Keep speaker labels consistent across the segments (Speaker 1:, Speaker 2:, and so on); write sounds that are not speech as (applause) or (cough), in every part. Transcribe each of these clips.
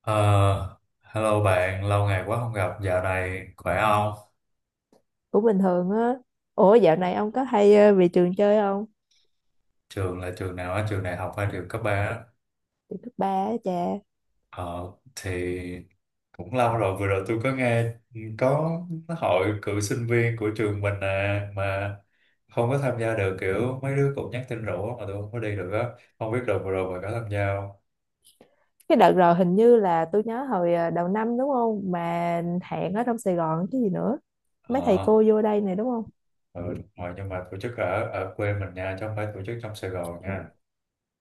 Speaker 1: Ờ, Hello bạn, lâu ngày quá không gặp. Dạo này khỏe không?
Speaker 2: Cũng bình thường á. Ủa, dạo này ông có hay về trường chơi không?
Speaker 1: Trường là trường nào á? Trường đại học hay trường cấp 3 á?
Speaker 2: Cấp ba á cha.
Speaker 1: Ờ, thì cũng lâu rồi. Vừa rồi tôi có nghe có hội cựu sinh viên của trường mình, à, mà không có tham gia được. Kiểu mấy đứa cũng nhắn tin rủ mà tôi không có đi được á. Không biết đợt vừa rồi bạn có tham gia không?
Speaker 2: Cái đợt rồi hình như là tôi nhớ hồi đầu năm, đúng không, mà hẹn ở trong Sài Gòn chứ gì nữa. Mấy thầy
Speaker 1: Ờ,
Speaker 2: cô vô đây này, đúng không?
Speaker 1: ừ, đúng rồi, nhưng mà tổ chức ở ở quê mình nha, chứ không phải tổ chức trong Sài Gòn nha.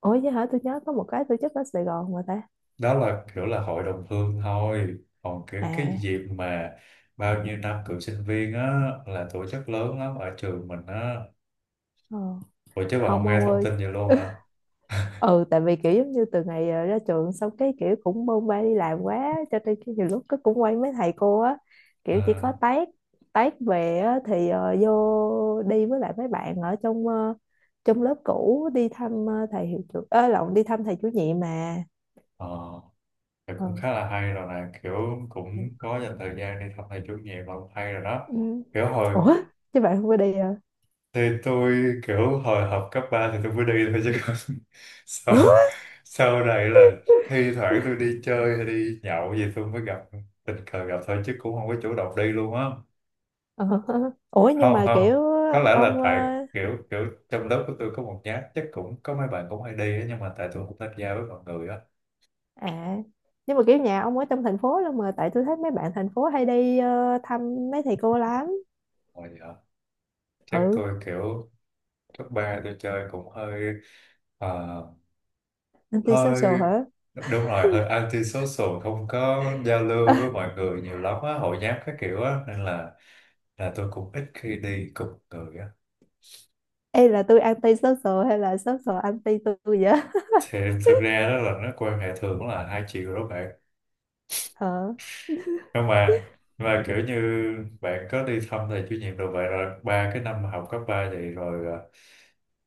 Speaker 2: Ủa chứ hả, tôi nhớ có một cái tổ chức ở Sài Gòn mà ta.
Speaker 1: Đó là kiểu là hội đồng hương thôi, còn cái
Speaker 2: À.
Speaker 1: dịp mà bao nhiêu năm cựu sinh viên á là tổ chức lớn lắm ở trường mình á.
Speaker 2: Ờ.
Speaker 1: Ủa chứ bà không
Speaker 2: Không,
Speaker 1: nghe
Speaker 2: ông
Speaker 1: thông
Speaker 2: ơi.
Speaker 1: tin vậy luôn hả?
Speaker 2: Ừ, tại vì kiểu giống như từ ngày ra trường xong cái kiểu cũng bôn ba đi làm quá cho nên cái nhiều lúc cái cũng quay mấy thầy cô á. Kiểu chỉ
Speaker 1: À,
Speaker 2: có tát, tát về á, thì vô đi với lại mấy bạn ở trong lớp cũ đi thăm thầy hiệu trưởng, ơ lộn, đi thăm thầy chủ nhiệm mà.
Speaker 1: ờ thì cũng
Speaker 2: Ừ.
Speaker 1: khá là hay rồi nè, kiểu cũng
Speaker 2: Ừ.
Speaker 1: có dành thời gian đi thăm thầy chủ nhiệm là cũng hay rồi đó.
Speaker 2: Ừ.
Speaker 1: Kiểu hồi
Speaker 2: Ủa chứ bạn không có đi à?
Speaker 1: thì tôi kiểu hồi học cấp 3 thì tôi mới đi thôi chứ còn (laughs) sau
Speaker 2: Ủa.
Speaker 1: sau này là thi thoảng tôi đi chơi hay đi nhậu gì tôi mới gặp, tình cờ gặp thôi chứ cũng không có chủ động đi luôn á.
Speaker 2: Ờ. (laughs) Ủa nhưng
Speaker 1: Không,
Speaker 2: mà
Speaker 1: không,
Speaker 2: kiểu
Speaker 1: có lẽ là
Speaker 2: ông
Speaker 1: tại kiểu kiểu trong lớp của tôi có một nhát chắc cũng có mấy bạn cũng hay đi á, nhưng mà tại tôi không tham gia với mọi người á.
Speaker 2: à, nhưng mà kiểu nhà ông ở trong thành phố luôn mà tại tôi thấy mấy bạn thành phố hay đi thăm mấy thầy cô lắm.
Speaker 1: Rồi, dạ. Chắc
Speaker 2: Ừ.
Speaker 1: tôi kiểu cấp ba tôi chơi cũng hơi, ờ,
Speaker 2: Anti social
Speaker 1: hơi,
Speaker 2: hả?
Speaker 1: đúng rồi, hơi anti social, không có giao lưu với
Speaker 2: (laughs)
Speaker 1: mọi người nhiều lắm á, hội nhóm các kiểu á, nên là tôi cũng ít khi đi cùng người á.
Speaker 2: Ê, là tôi anti social hay là social anti tôi vậy?
Speaker 1: Thì thực ra đó là nó quan hệ thường là hai chiều đó bạn.
Speaker 2: Ờ.
Speaker 1: Nhưng mà kiểu như bạn có đi thăm thầy chủ nhiệm rồi, vậy rồi ba cái năm học cấp ba vậy rồi, à,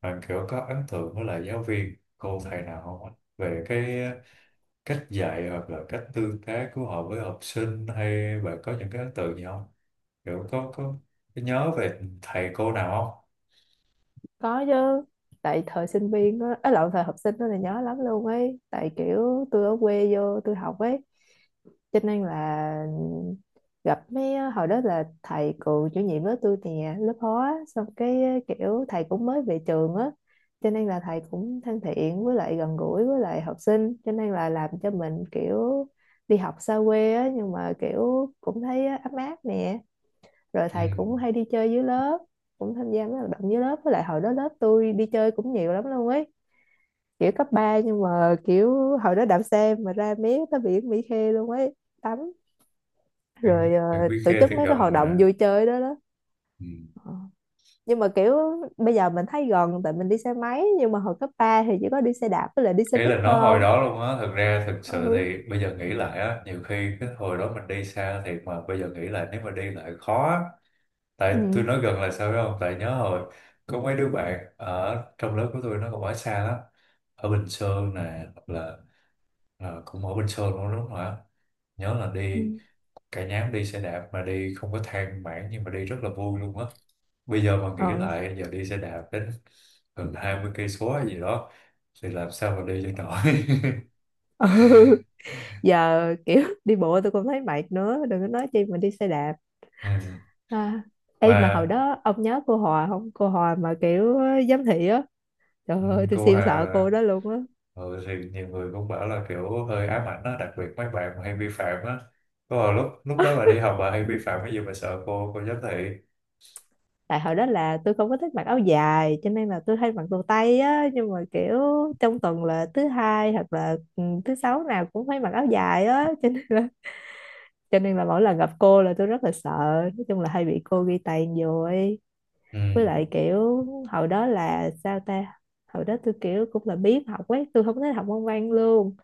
Speaker 1: bạn kiểu có ấn tượng với lại giáo viên cô thầy nào không ạ? Về cái cách dạy hoặc là cách tương tác của họ với học sinh, hay bạn có những cái ấn tượng gì không, kiểu có nhớ về thầy cô nào không?
Speaker 2: Có chứ. Tại thời sinh viên á, ấy lộn, thời học sinh đó là nhớ lắm luôn ấy, tại kiểu tôi ở quê vô tôi học ấy, cho nên là gặp mấy hồi đó là thầy cựu chủ nhiệm lớp tôi nè, lớp hóa, xong cái kiểu thầy cũng mới về trường á, cho nên là thầy cũng thân thiện với lại gần gũi với lại học sinh, cho nên là làm cho mình kiểu đi học xa quê á nhưng mà kiểu cũng thấy ấm áp nè. Rồi
Speaker 1: Ừ.
Speaker 2: thầy cũng hay đi chơi dưới lớp, cũng tham gia mấy hoạt động dưới lớp, với lại hồi đó lớp tôi đi chơi cũng nhiều lắm luôn ấy. Kiểu cấp 3 nhưng mà kiểu hồi đó đạp xe mà ra mé tới biển Mỹ Khê luôn ấy, tắm,
Speaker 1: bạn,
Speaker 2: rồi
Speaker 1: bạn Quý
Speaker 2: tổ
Speaker 1: Khê
Speaker 2: chức
Speaker 1: thì
Speaker 2: mấy cái
Speaker 1: gần
Speaker 2: hoạt động
Speaker 1: mà.
Speaker 2: vui chơi đó đó.
Speaker 1: Ừ.
Speaker 2: Ờ. Nhưng mà kiểu bây giờ mình thấy gần tại mình đi xe máy, nhưng mà hồi cấp 3 thì chỉ có đi xe đạp với lại đi xe
Speaker 1: Ý
Speaker 2: buýt
Speaker 1: là nói
Speaker 2: thôi
Speaker 1: hồi
Speaker 2: không.
Speaker 1: đó luôn á, thực ra thực sự
Speaker 2: Ừ,
Speaker 1: thì bây giờ nghĩ lại á, nhiều khi cái hồi đó mình đi xa thiệt mà bây giờ nghĩ lại nếu mà đi lại khó á. Tại tôi
Speaker 2: ừ,
Speaker 1: nói gần là sao biết không, tại nhớ hồi có mấy đứa bạn ở trong lớp của tôi nó còn ở xa lắm, ở Bình Sơn nè hoặc là, à, cũng ở Bình Sơn luôn đúng không ạ. Nhớ là đi
Speaker 2: ừ,
Speaker 1: cả nhóm đi xe đạp mà đi không có than vãn, nhưng mà đi rất là vui luôn á. Bây giờ mà nghĩ
Speaker 2: ờ,
Speaker 1: lại giờ đi xe đạp đến gần 20 cây số hay gì đó thì làm sao mà đi cho nổi. (laughs)
Speaker 2: ừ. (laughs) Giờ kiểu đi bộ tôi cũng thấy mệt nữa, đừng có nói chi mình đi xe đạp.
Speaker 1: Ừ.
Speaker 2: À, ê mà hồi
Speaker 1: Mà,
Speaker 2: đó ông nhớ cô Hòa không? Cô Hòa mà kiểu giám thị á. Trời
Speaker 1: ừ,
Speaker 2: ơi, tôi
Speaker 1: cô
Speaker 2: siêu
Speaker 1: Hà.
Speaker 2: sợ cô đó luôn á.
Speaker 1: Ừ, thì nhiều người cũng bảo là kiểu hơi ám ảnh á, đặc biệt mấy bạn mà hay vi phạm á. Có hồi lúc lúc đó bà đi học bà hay vi phạm cái gì mà sợ cô giám thị?
Speaker 2: Tại hồi đó là tôi không có thích mặc áo dài, cho nên là tôi hay mặc đồ tây á. Nhưng mà kiểu trong tuần là thứ hai hoặc là thứ sáu nào cũng phải mặc áo dài á. Cho nên là mỗi lần gặp cô là tôi rất là sợ. Nói chung là hay bị cô ghi tàn vô ấy.
Speaker 1: Ừ.
Speaker 2: Với lại kiểu hồi đó là sao ta, hồi đó tôi kiểu cũng là biếng học quá, tôi không thích học môn văn luôn.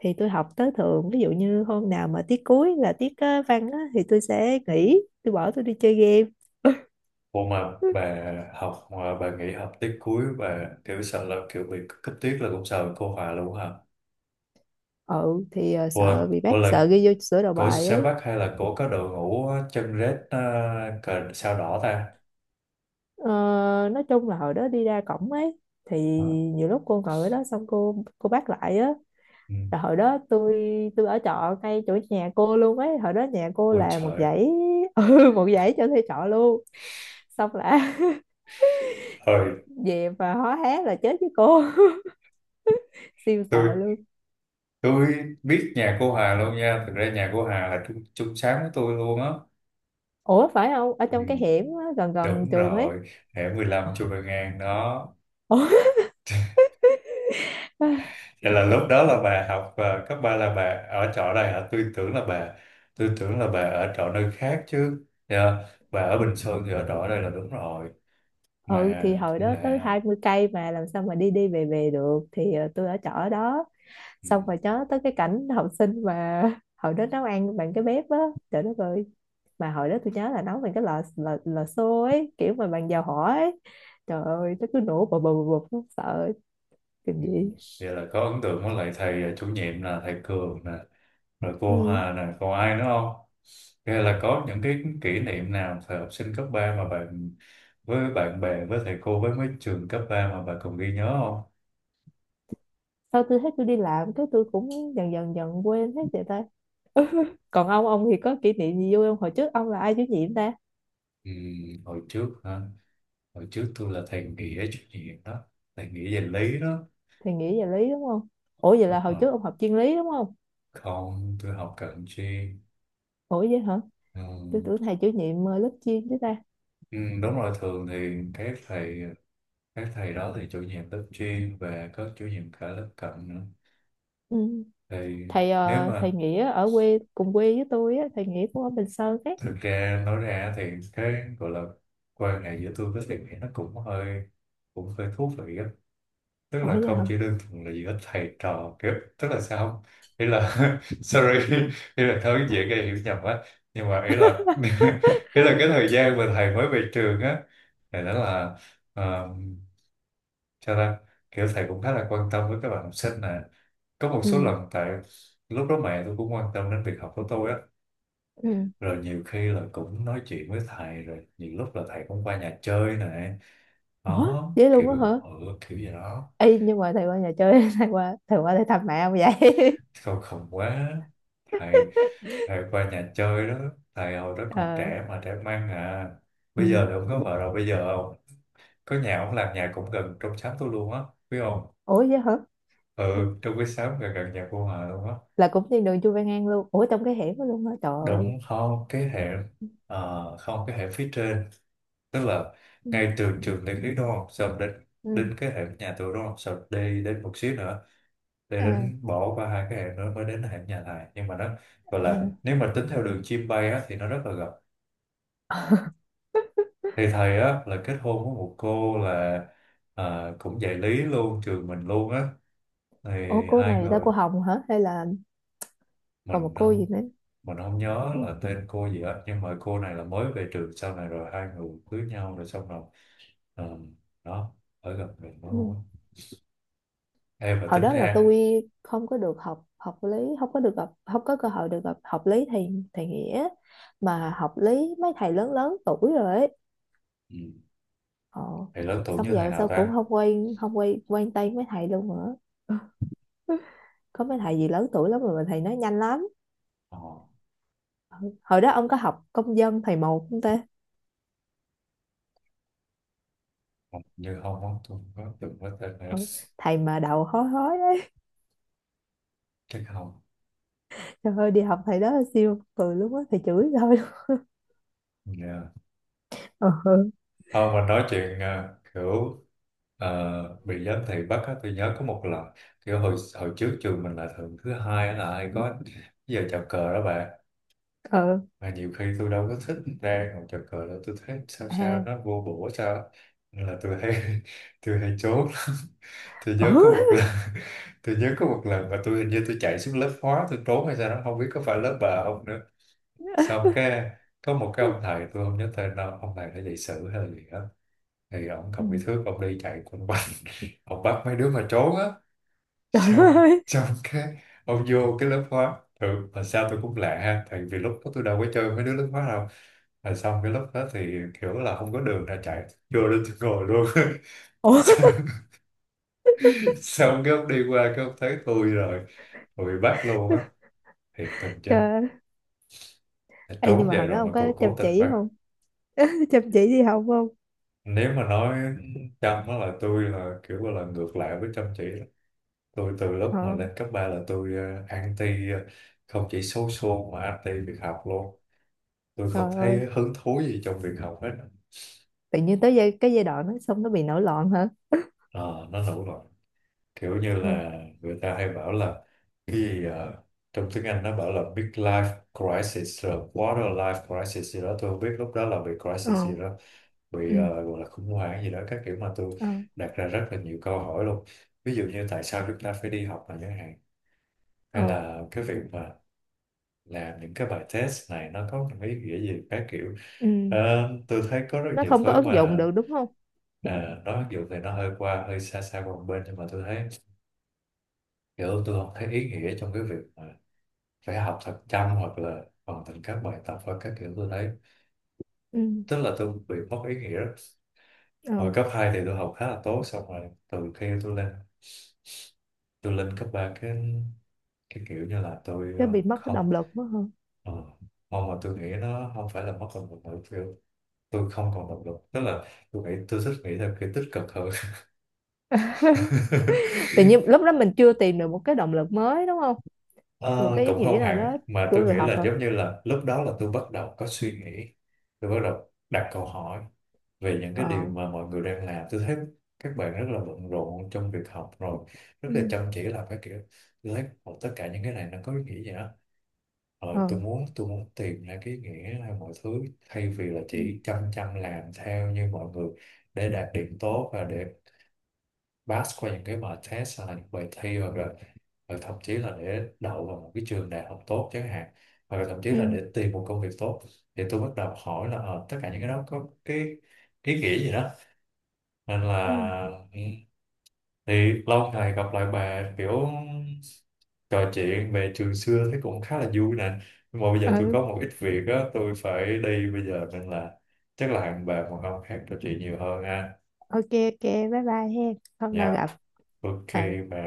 Speaker 2: Thì tôi học tới thường, ví dụ như hôm nào mà tiết cuối là tiết văn á, thì tôi sẽ nghỉ, tôi bỏ tôi đi chơi game. (laughs)
Speaker 1: Cô mà bà học mà bà nghỉ học tiết cuối bà kiểu sợ là kiểu bị cấp tiết là cũng sợ cô Hòa luôn hả?
Speaker 2: Ừ thì
Speaker 1: Ủa,
Speaker 2: sợ bị bác,
Speaker 1: ủa là
Speaker 2: sợ ghi vô sửa đầu
Speaker 1: của
Speaker 2: bài
Speaker 1: Sáng
Speaker 2: ấy.
Speaker 1: Bắc hay là của có đội ngũ chân rết, cờ sao đỏ ta?
Speaker 2: ờ, nói chung là hồi đó đi ra cổng ấy, thì
Speaker 1: Ờ.
Speaker 2: nhiều lúc cô ngồi ở đó xong cô bắt lại á.
Speaker 1: Ừ.
Speaker 2: Rồi hồi đó tôi ở trọ ngay chỗ nhà cô luôn ấy, hồi đó nhà cô
Speaker 1: Ôi
Speaker 2: là một
Speaker 1: trời,
Speaker 2: dãy (laughs) một dãy cho thuê trọ luôn. Xong là
Speaker 1: trời,
Speaker 2: (laughs) về mà hó hé là chết với cô. (laughs) Siêu sợ
Speaker 1: tôi
Speaker 2: luôn.
Speaker 1: tôi biết nhà cô Hà luôn nha. Thực ra nhà cô Hà là chung sáng với tôi luôn á.
Speaker 2: Ủa phải không, ở
Speaker 1: Ừ.
Speaker 2: trong cái hẻm á, gần gần
Speaker 1: Đúng
Speaker 2: trường ấy?
Speaker 1: rồi, hẻm 15 Chu Văn An đó.
Speaker 2: Ủa? (laughs)
Speaker 1: Vậy là lúc đó là bà học, cấp 3 là bà ở trọ đây hả? Tôi tưởng là bà ở trọ nơi khác chứ. Dạ. Bà ở Bình Sơn thì ở trọ ở đây là đúng rồi.
Speaker 2: Ừ
Speaker 1: Mà
Speaker 2: thì hồi
Speaker 1: cũng
Speaker 2: đó tới
Speaker 1: là,
Speaker 2: 20 cây mà làm sao mà đi đi về về được, thì tôi ở trọ ở đó.
Speaker 1: ừ,
Speaker 2: Xong rồi nhớ tới cái cảnh (laughs) học sinh mà hồi đó nấu ăn bằng cái bếp á. Trời đất ơi, mà hồi đó tôi nhớ là nấu bằng cái lò lò, lò xo ấy, kiểu mà bằng dầu hỏa ấy. Trời ơi nó cứ nổ bập bập bập bập, sợ, kinh
Speaker 1: ừ.
Speaker 2: dị.
Speaker 1: Vậy là có ấn tượng với lại thầy, chủ nhiệm là thầy Cường nè, rồi cô
Speaker 2: Ừ.
Speaker 1: Hà nè, còn ai nữa không? Hay là có những cái kỷ niệm nào thời học sinh cấp 3 mà bạn với bạn bè, với thầy cô, với mấy trường cấp 3 mà bạn còn ghi nhớ không?
Speaker 2: Sau tôi thấy tôi đi làm cái tôi cũng dần dần dần quên hết vậy ta. (laughs) Còn ông thì có kỷ niệm gì vui không? Hồi trước ông là ai chủ nhiệm ta?
Speaker 1: Ừ, hồi trước hả? Hồi trước tôi là thầy Nghĩa chủ nhiệm đó, thầy Nghĩa về lý đó.
Speaker 2: Thầy Nghĩ về lý đúng không? Ủa vậy là
Speaker 1: Đúng
Speaker 2: hồi
Speaker 1: rồi.
Speaker 2: trước ông học chuyên lý đúng không?
Speaker 1: Không, tôi học cận chuyên.
Speaker 2: Ủa vậy hả,
Speaker 1: Ừ,
Speaker 2: tôi tưởng thầy chủ nhiệm lớp chuyên chứ ta.
Speaker 1: ừ, đúng rồi, thường thì các thầy đó thì chủ nhiệm lớp chuyên và có chủ nhiệm cả lớp cận nữa.
Speaker 2: Ừ.
Speaker 1: Thì nếu
Speaker 2: Thầy
Speaker 1: mà
Speaker 2: Nghĩa ở quê cùng quê với tôi á, thầy Nghĩa cũng ở Bình Sơn ấy.
Speaker 1: thực ra nói ra thì cái gọi là quan hệ giữa tôi với thầy Nghĩa nó cũng hơi thú vị á. Tức
Speaker 2: Ủa
Speaker 1: là
Speaker 2: vậy hả?
Speaker 1: không chỉ đơn thuần là giữa thầy trò kiểu, tức là sao không, ý là (laughs) sorry, ý là thôi dễ gây hiểu nhầm á, nhưng mà ý là (laughs) ý là cái thời gian mà thầy mới về trường á, thì đó là, ờ, cho ra kiểu thầy cũng khá là quan tâm với các bạn học sinh nè, có một
Speaker 2: Ừ.
Speaker 1: số lần tại lúc đó mẹ tôi cũng quan tâm đến việc học của tôi á,
Speaker 2: Ừ.
Speaker 1: rồi nhiều khi là cũng nói chuyện với thầy, rồi nhiều lúc là thầy cũng qua nhà chơi nè,
Speaker 2: Ủa
Speaker 1: đó
Speaker 2: vậy luôn
Speaker 1: kiểu,
Speaker 2: á hả?
Speaker 1: ừ, kiểu gì đó.
Speaker 2: Ê, nhưng mà thầy qua nhà chơi, (laughs) thầy qua để thăm mẹ không vậy?
Speaker 1: Không khổng quá, thầy thầy qua nhà chơi đó, thầy hồi đó
Speaker 2: (laughs)
Speaker 1: còn
Speaker 2: Ờ.
Speaker 1: trẻ mà, trẻ mang à.
Speaker 2: Ừ.
Speaker 1: Bây giờ thì ông có vợ rồi, bây giờ ông có nhà, ông làm nhà cũng gần trong xóm tôi luôn á, biết không.
Speaker 2: Ủa vậy hả?
Speaker 1: Ừ, trong cái xóm gần gần nhà cô Hòa luôn á.
Speaker 2: Là cũng trên đường Chu Văn An luôn? Ủa trong cái hẻm đó luôn hả, trời ơi.
Speaker 1: Đúng không, cái hệ, không, cái hệ phía trên. Tức là
Speaker 2: Ừ.
Speaker 1: ngay từ trường Nguyễn lý thuyết đúng không, xong đến
Speaker 2: Ừ.
Speaker 1: đến cái hệ nhà tôi đúng không, xong đi đến một xíu nữa, để
Speaker 2: À.
Speaker 1: đến bỏ qua hai cái hệ nữa mới đến hệ nhà thầy, nhưng mà nó gọi là
Speaker 2: À.
Speaker 1: nếu mà tính theo đường chim bay á thì nó rất là gần. Thì thầy á là kết hôn với một cô là, à, cũng dạy lý luôn trường mình luôn á. Thì
Speaker 2: Ủa cô
Speaker 1: hai
Speaker 2: này ta,
Speaker 1: người,
Speaker 2: cô Hồng hả, hay là còn một
Speaker 1: mình
Speaker 2: cô gì
Speaker 1: không
Speaker 2: nữa?
Speaker 1: mình không nhớ
Speaker 2: Ừ.
Speaker 1: là tên cô gì á, nhưng mà cô này là mới về trường sau này, rồi hai người cưới nhau rồi, xong rồi, ờ, đó, ở gần mình mới luôn
Speaker 2: Ừ.
Speaker 1: á. Em là
Speaker 2: Hồi
Speaker 1: tính
Speaker 2: đó là
Speaker 1: ra.
Speaker 2: tôi không có được học học lý, không có được gặp, không có cơ hội được gặp học lý thầy thầy Nghĩa. Mà học lý mấy thầy lớn lớn tuổi rồi ấy.
Speaker 1: Ừ.
Speaker 2: Ờ.
Speaker 1: Thì lớn tuổi như
Speaker 2: Xong
Speaker 1: thầy
Speaker 2: giờ
Speaker 1: nào
Speaker 2: sao cũng
Speaker 1: ta.
Speaker 2: không quen, không quen quen tay mấy thầy luôn nữa. (laughs) Có mấy thầy gì lớn tuổi lắm rồi mà thầy nói nhanh lắm.
Speaker 1: ờ,
Speaker 2: Hồi đó ông có học công dân thầy một không ta?
Speaker 1: Hình như không á, tôi không có từng có tên này,
Speaker 2: Ừ, thầy mà đầu hói hói đấy.
Speaker 1: chắc không.
Speaker 2: Trời ơi đi học thầy đó là siêu cười luôn á, thầy chửi thôi.
Speaker 1: Dạ.
Speaker 2: Ờ.
Speaker 1: Không, mà nói chuyện, kiểu, bị giám thị bắt á, tôi nhớ có một lần. Kiểu hồi hồi trước trường mình là thường thứ hai á là hay có giờ chào cờ đó bạn.
Speaker 2: Ờ.
Speaker 1: Mà nhiều khi tôi đâu có thích ra còn chào cờ đó, tôi thấy sao sao
Speaker 2: À.
Speaker 1: nó vô bổ sao á. Nên là tôi hay (laughs) tôi hay trốn. Tôi nhớ có
Speaker 2: Ừ.
Speaker 1: một lần (laughs) tôi nhớ có một lần mà tôi hình như tôi chạy xuống lớp hóa tôi trốn hay sao đó, không biết có phải lớp bà không nữa. Xong cái có một cái ông thầy, tôi không nhớ tên đâu, ông thầy đã dạy sử hay là gì đó, thì ổng cầm
Speaker 2: Ừ.
Speaker 1: cái thước, ông đi chạy quanh quanh (laughs) ông bắt mấy đứa mà trốn á.
Speaker 2: Trời đất
Speaker 1: xong
Speaker 2: ơi.
Speaker 1: xong cái ông vô cái lớp hóa thường, mà sao tôi cũng lạ ha, tại vì lúc đó tôi đâu có chơi mấy đứa lớp hóa đâu. Rồi xong cái lúc đó thì kiểu là không có đường ra chạy, vô lên tôi ngồi luôn. (laughs)
Speaker 2: Ủa.
Speaker 1: xong, xong cái ông đi qua, cái ông thấy tôi rồi, rồi bị bắt luôn á, thiệt tình chứ,
Speaker 2: Trời. Ê, nhưng
Speaker 1: trốn
Speaker 2: mà
Speaker 1: vậy
Speaker 2: hồi đó
Speaker 1: rồi mà
Speaker 2: ông có
Speaker 1: còn cố
Speaker 2: chăm
Speaker 1: tình
Speaker 2: chỉ
Speaker 1: bắt.
Speaker 2: không? (laughs) Chăm chỉ đi học không?
Speaker 1: Nếu mà nói Trâm á là tôi là kiểu là ngược lại với chăm chỉ. Tôi từ lúc mà
Speaker 2: Ờ,
Speaker 1: lên cấp 3 là tôi, anti, không chỉ số xô mà anti việc học luôn, tôi không
Speaker 2: trời ơi,
Speaker 1: thấy hứng thú gì trong việc học hết.
Speaker 2: tự nhiên tới cái giai đoạn nó xong nó bị nổi loạn hả?
Speaker 1: Ờ, nó nổ rồi, kiểu như
Speaker 2: Ừ,
Speaker 1: là người ta hay bảo là cái gì, trong tiếng Anh nó bảo là big life crisis rồi quarter life crisis gì đó, tôi không biết lúc đó là bị crisis
Speaker 2: ờ,
Speaker 1: gì đó, bị,
Speaker 2: ừ,
Speaker 1: gọi là khủng hoảng gì đó các kiểu, mà tôi
Speaker 2: ờ,
Speaker 1: đặt ra rất là nhiều câu hỏi luôn. Ví dụ như tại sao chúng ta phải đi học mà, chẳng hạn, hay
Speaker 2: ờ,
Speaker 1: là cái việc mà làm những cái bài test này nó có một cái ý nghĩa gì các kiểu. Ờ,
Speaker 2: ừ.
Speaker 1: tôi thấy có rất
Speaker 2: Nó
Speaker 1: nhiều
Speaker 2: không có
Speaker 1: thứ
Speaker 2: ứng dụng
Speaker 1: mà,
Speaker 2: được đúng không?
Speaker 1: à, nó mặc dù thì nó hơi qua hơi xa xa qua một bên, nhưng mà tôi thấy kiểu tôi không thấy ý nghĩa trong cái việc mà phải học thật chăm hoặc là hoàn thành các bài tập hoặc các kiểu, tôi thấy
Speaker 2: Ừ,
Speaker 1: tức là tôi bị mất ý nghĩa đó.
Speaker 2: ờ,
Speaker 1: Hồi cấp 2 thì tôi học khá là tốt, xong rồi từ khi tôi lên, cấp 3 cái kiểu như là tôi,
Speaker 2: cái bị mất cái
Speaker 1: không,
Speaker 2: động lực mất hơn.
Speaker 1: ờ, mong mà tôi nghĩ nó không phải là mất động lực nữa, tôi không còn động lực, tức là tôi nghĩ tôi thích nghĩ theo kiểu tích cực hơn. (laughs)
Speaker 2: Tự nhiên lúc đó mình chưa tìm được một cái động lực mới đúng không? Một
Speaker 1: Ờ,
Speaker 2: cái ý
Speaker 1: cũng
Speaker 2: nghĩa
Speaker 1: không
Speaker 2: nào
Speaker 1: hẳn,
Speaker 2: đó
Speaker 1: mà
Speaker 2: của
Speaker 1: tôi nghĩ
Speaker 2: việc học
Speaker 1: là
Speaker 2: hả?
Speaker 1: giống như là lúc đó là tôi bắt đầu có suy nghĩ, tôi bắt đầu đặt câu hỏi về những cái điều
Speaker 2: Ờ,
Speaker 1: mà mọi người đang làm. Tôi thấy các bạn rất là bận rộn trong việc học, rồi rất là
Speaker 2: ừ,
Speaker 1: chăm chỉ làm cái kiểu, tôi thấy "Ồ, tất cả những cái này nó có ý nghĩa gì đó,
Speaker 2: ờ,
Speaker 1: tôi muốn tìm ra cái ý nghĩa hay mọi thứ, thay vì là
Speaker 2: ừ,
Speaker 1: chỉ chăm chăm làm theo như mọi người để đạt điểm tốt và để pass qua những cái bài test hay là những bài thi, hoặc là hoặc thậm chí là để đậu vào một cái trường đại học tốt chẳng hạn, hoặc là thậm chí là
Speaker 2: ừ,
Speaker 1: để tìm một công việc tốt." Thì tôi bắt đầu hỏi là, ờ, tất cả những cái đó có cái ý nghĩa gì đó, nên là,
Speaker 2: ừ,
Speaker 1: ừ, thì lâu ngày gặp lại bà, kiểu trò chuyện về trường xưa thấy cũng khá là vui nè, nhưng mà bây giờ tôi có
Speaker 2: ừ,
Speaker 1: một ít việc á, tôi phải đi bây giờ, nên là chắc là hẹn bà một hôm khác trò chuyện nhiều hơn ha.
Speaker 2: OK, OK, bye bye he, hôm
Speaker 1: Nha.
Speaker 2: nào gặp.
Speaker 1: Ok
Speaker 2: Ờ.
Speaker 1: bà.